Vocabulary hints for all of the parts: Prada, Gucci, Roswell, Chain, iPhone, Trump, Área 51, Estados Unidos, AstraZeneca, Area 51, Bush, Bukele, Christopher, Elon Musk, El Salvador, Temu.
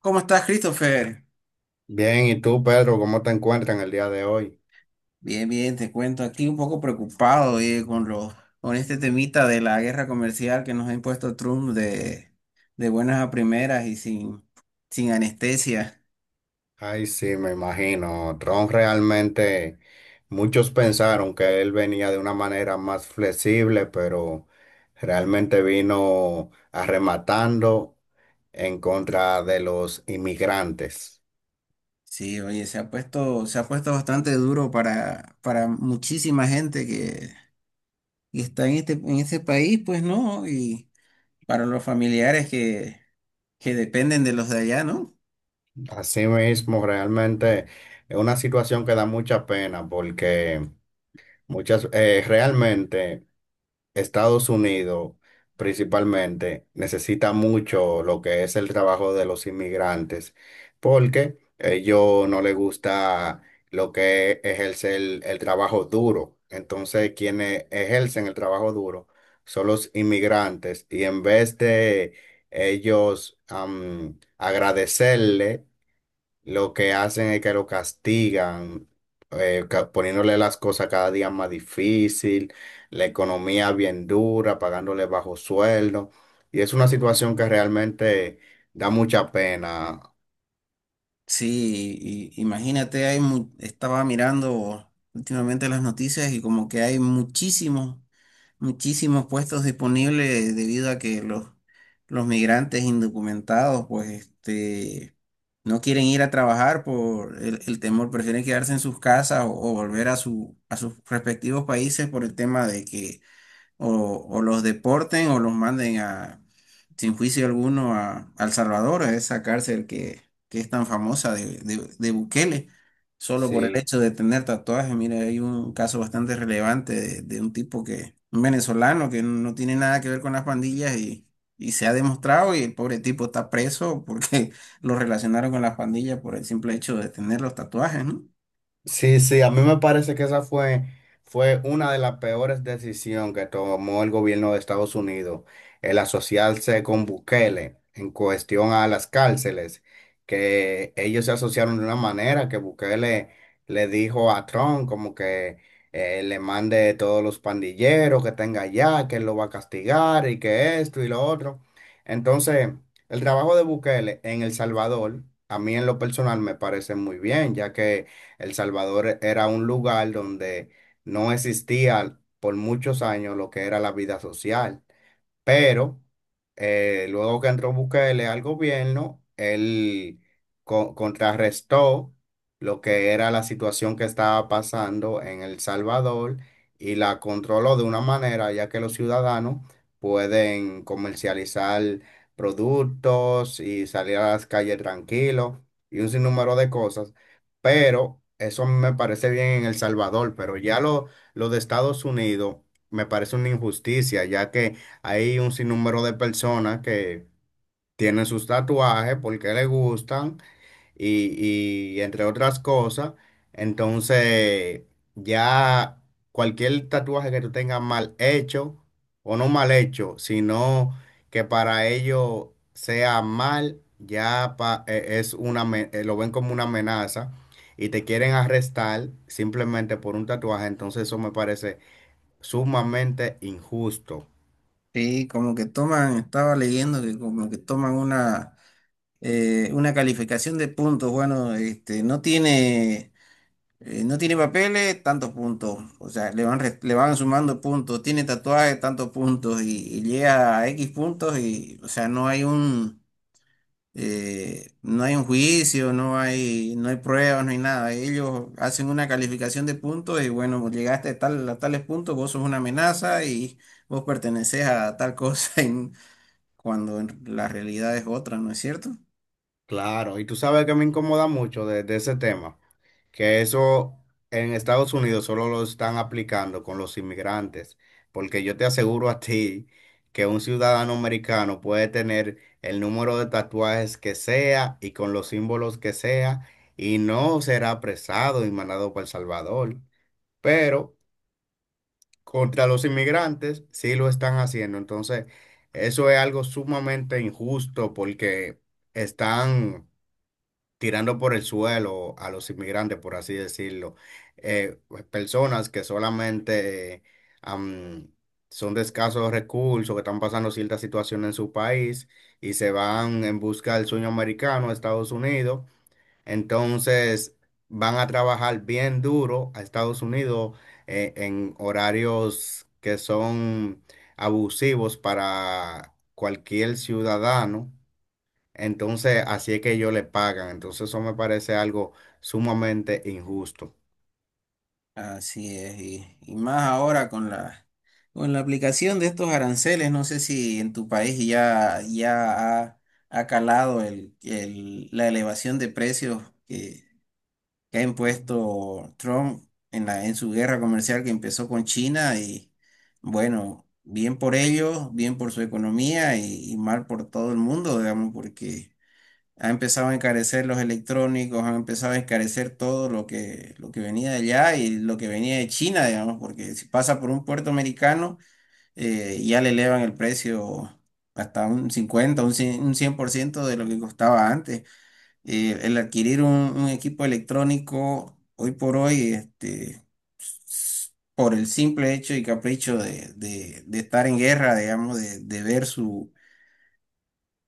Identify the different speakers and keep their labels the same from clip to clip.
Speaker 1: ¿Cómo estás, Christopher?
Speaker 2: Bien, ¿y tú, Pedro, cómo te encuentras en el día de hoy?
Speaker 1: Bien, bien, te cuento. Aquí un poco preocupado, oye, con este temita de la guerra comercial que nos ha impuesto Trump de buenas a primeras y sin anestesia.
Speaker 2: Ay, sí, me imagino. Trump realmente, muchos pensaron que él venía de una manera más flexible, pero realmente vino arrematando en contra de los inmigrantes.
Speaker 1: Sí, oye, se ha puesto bastante duro para muchísima gente que está en en este país, pues, ¿no? Y para los familiares que dependen de los de allá, ¿no?
Speaker 2: Así mismo realmente es una situación que da mucha pena porque muchas, realmente. Estados Unidos principalmente necesita mucho lo que es el trabajo de los inmigrantes, porque ellos no les gusta lo que ejerce el trabajo duro. Entonces, quienes ejercen el trabajo duro son los inmigrantes y en vez de ellos agradecerle lo que hacen es que lo castigan, poniéndole las cosas cada día más difícil, la economía bien dura, pagándole bajo sueldo. Y es una situación que realmente da mucha pena.
Speaker 1: Sí, imagínate, estaba mirando últimamente las noticias y como que hay muchísimos puestos disponibles debido a los migrantes indocumentados, pues, este, no quieren ir a trabajar por el temor, prefieren quedarse en sus casas o volver a a sus respectivos países por el tema de que o los deporten o los manden a, sin juicio alguno a El Salvador, a esa cárcel que es tan famosa de Bukele, solo por el
Speaker 2: Sí.
Speaker 1: hecho de tener tatuajes. Mira, hay un caso bastante relevante de un tipo que, un venezolano que no tiene nada que ver con las pandillas y se ha demostrado y el pobre tipo está preso porque lo relacionaron con las pandillas por el simple hecho de tener los tatuajes, ¿no?
Speaker 2: Sí, sí, a mí me parece que esa fue, fue una de las peores decisiones que tomó el gobierno de Estados Unidos, el asociarse con Bukele en cuestión a las cárceles, que ellos se asociaron de una manera que Bukele le dijo a Trump como que le mande todos los pandilleros que tenga allá, que él lo va a castigar y que esto y lo otro. Entonces, el trabajo de Bukele en El Salvador, a mí en lo personal me parece muy bien, ya que el Salvador era un lugar donde no existía por muchos años lo que era la vida social. Pero luego que entró Bukele al gobierno, él contrarrestó lo que era la situación que estaba pasando en El Salvador y la controló de una manera ya que los ciudadanos pueden comercializar productos y salir a las calles tranquilos y un sinnúmero de cosas. Pero eso me parece bien en El Salvador, pero ya lo de Estados Unidos me parece una injusticia, ya que hay un sinnúmero de personas que tienen sus tatuajes porque les gustan y entre otras cosas. Entonces, ya cualquier tatuaje que tú tengas mal hecho o no mal hecho, sino que para ellos sea mal, es una, lo ven como una amenaza y te quieren arrestar simplemente por un tatuaje. Entonces, eso me parece sumamente injusto.
Speaker 1: Sí, como que toman, estaba leyendo que como que toman una calificación de puntos. Bueno, este, no tiene papeles, tantos puntos. O sea, le van sumando puntos. Tiene tatuajes, tantos puntos. Y llega a X puntos y, o sea, no hay un juicio, no hay, no hay pruebas, no hay nada. Ellos hacen una calificación de puntos y, bueno, llegaste a tal, a tales puntos, vos sos una amenaza y vos pertenecés a tal cosa. Y cuando en la realidad es otra, ¿no es cierto?
Speaker 2: Claro, y tú sabes que me incomoda mucho de ese tema, que eso en Estados Unidos solo lo están aplicando con los inmigrantes, porque yo te aseguro a ti que un ciudadano americano puede tener el número de tatuajes que sea y con los símbolos que sea y no será apresado y mandado para El Salvador, pero contra los inmigrantes sí lo están haciendo, entonces eso es algo sumamente injusto porque están tirando por el suelo a los inmigrantes, por así decirlo. Pues, personas que solamente am, son de escasos recursos, que están pasando cierta situación en su país y se van en busca del sueño americano a Estados Unidos. Entonces van a trabajar bien duro a Estados Unidos en horarios que son abusivos para cualquier ciudadano. Entonces, así es que ellos le pagan. Entonces, eso me parece algo sumamente injusto.
Speaker 1: Así es, y más ahora con la aplicación de estos aranceles, no sé si en tu país ha calado la elevación de precios que, que ha impuesto Trump en en su guerra comercial que empezó con China y bueno, bien por ellos, bien por su economía y mal por todo el mundo, digamos, porque ha empezado a encarecer los electrónicos, han empezado a encarecer todo lo que venía de allá y lo que venía de China, digamos, porque si pasa por un puerto americano, ya le elevan el precio hasta un 50, un 100, un 100% de lo que costaba antes. El adquirir un equipo electrónico hoy por hoy, este, s- por el simple hecho y capricho de estar en guerra, digamos, de ver su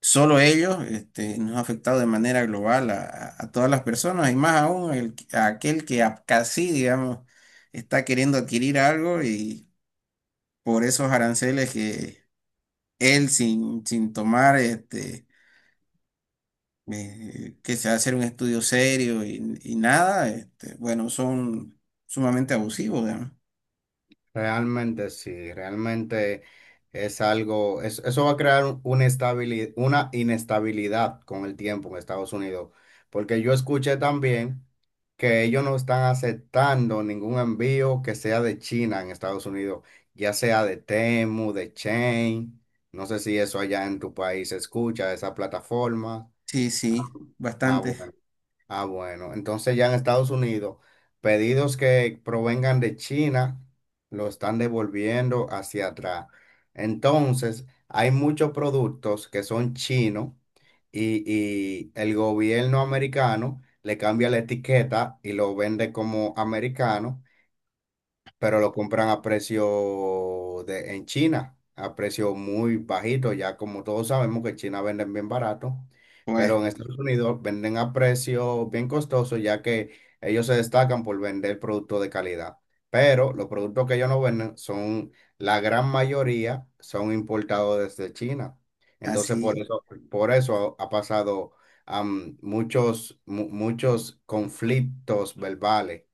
Speaker 1: solo ellos, este, nos ha afectado de manera global a, a todas las personas y más aún a aquel que casi, digamos, está queriendo adquirir algo y por esos aranceles que él sin tomar, este, que se hacer un estudio serio y nada, este, bueno, son sumamente abusivos, digamos.
Speaker 2: Realmente sí, realmente es algo, eso va a crear una una inestabilidad con el tiempo en Estados Unidos. Porque yo escuché también que ellos no están aceptando ningún envío que sea de China en Estados Unidos, ya sea de Temu, de Chain. No sé si eso allá en tu país se escucha, esa plataforma.
Speaker 1: Sí,
Speaker 2: Ah,
Speaker 1: sí,
Speaker 2: ah,
Speaker 1: bastante.
Speaker 2: bueno. Ah, bueno, entonces ya en Estados Unidos, pedidos que provengan de China lo están devolviendo hacia atrás. Entonces, hay muchos productos que son chinos y el gobierno americano le cambia la etiqueta y lo vende como americano pero lo compran a precio de, en China, a precio muy bajito, ya como todos sabemos que en China venden bien barato,
Speaker 1: Pues
Speaker 2: pero en Estados Unidos venden a precio bien costoso, ya que ellos se destacan por vender productos de calidad. Pero los productos que ellos no venden son, la gran mayoría son importados desde China. Entonces,
Speaker 1: así
Speaker 2: por eso ha pasado muchos conflictos verbales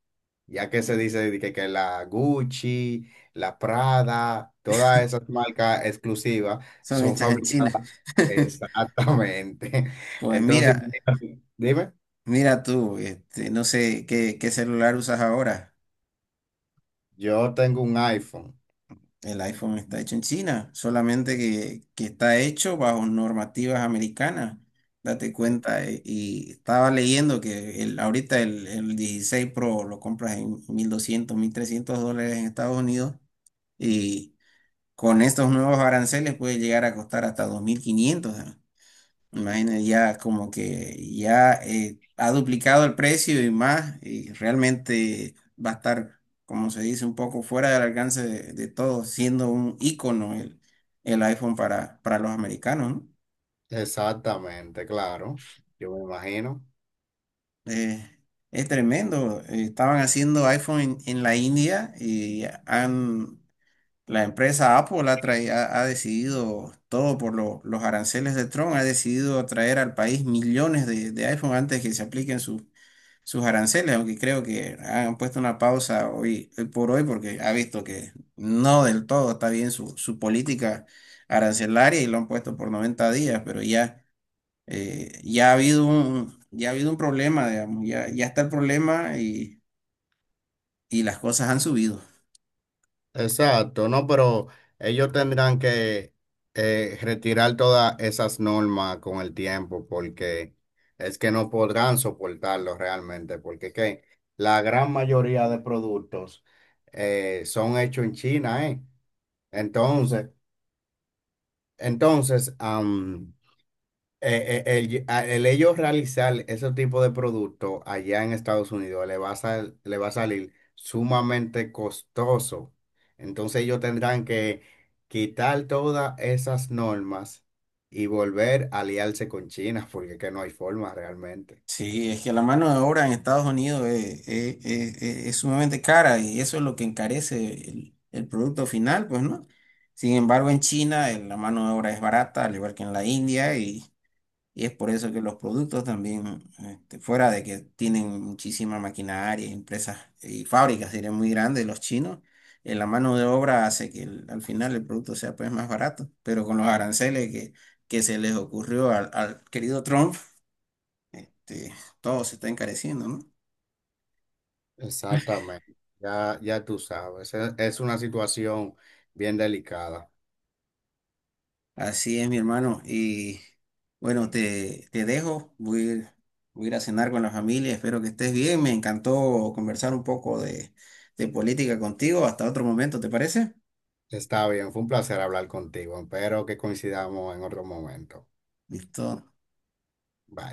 Speaker 2: ya que se dice de que la Gucci, la Prada, todas esas marcas exclusivas
Speaker 1: son
Speaker 2: son
Speaker 1: hechas en China.
Speaker 2: fabricadas. Exactamente.
Speaker 1: Pues
Speaker 2: Entonces,
Speaker 1: mira.
Speaker 2: imagínate, dime,
Speaker 1: Mira tú, este, no sé qué, qué celular usas ahora.
Speaker 2: yo tengo un iPhone.
Speaker 1: El iPhone está hecho en China, solamente que está hecho bajo normativas americanas. Date
Speaker 2: E-
Speaker 1: cuenta, y estaba leyendo que el 16 Pro lo compras en 1200 $1300 en Estados Unidos y con estos nuevos aranceles puede llegar a costar hasta 2500. ¿Eh? Imagina, ya como que ya ha duplicado el precio y más, y realmente va a estar, como se dice, un poco fuera del alcance de todos, siendo un ícono el iPhone para los americanos, ¿no?
Speaker 2: Exactamente, claro. Yo me imagino.
Speaker 1: Eh, es tremendo. Eh, estaban haciendo iPhone en la India y han, la empresa Apple ha decidido, todo por los aranceles de Trump, ha decidido traer al país millones de iPhone antes que se apliquen sus aranceles, aunque creo que han puesto una pausa hoy, hoy por hoy porque ha visto que no del todo está bien su política arancelaria y lo han puesto por 90 días, pero ya, ya ha habido un problema, digamos, ya, ya está el problema y las cosas han subido.
Speaker 2: Exacto, no, pero ellos tendrán que retirar todas esas normas con el tiempo porque es que no podrán soportarlo realmente, porque es que la gran mayoría de productos son hechos en China, ¿eh? Entonces, entonces, am, eh, eh, el, a- el ellos realizar ese tipo de producto allá en Estados Unidos le va a salir sumamente costoso. Entonces ellos tendrán que quitar todas esas normas y volver a aliarse con China, porque es que no hay forma realmente.
Speaker 1: Sí, es que la mano de obra en Estados Unidos es sumamente cara y eso es lo que encarece el producto final, pues, ¿no? Sin embargo, en China la mano de obra es barata, al igual que en la India, y es por eso que los productos también, este, fuera de que tienen muchísima maquinaria, empresas y fábricas, serían muy grandes los chinos, la mano de obra hace que al final el producto sea pues más barato. Pero con los aranceles que se les ocurrió al querido Trump, este, todo se está encareciendo, ¿no?
Speaker 2: Exactamente. Ya, ya tú sabes. Es una situación bien delicada.
Speaker 1: Así es, mi hermano. Y bueno, te dejo, voy a ir a cenar con la familia, espero que estés bien. Me encantó conversar un poco de política contigo. Hasta otro momento, ¿te parece?
Speaker 2: Está bien, fue un placer hablar contigo. Espero que coincidamos en otro momento.
Speaker 1: ¿Listo?
Speaker 2: Bye.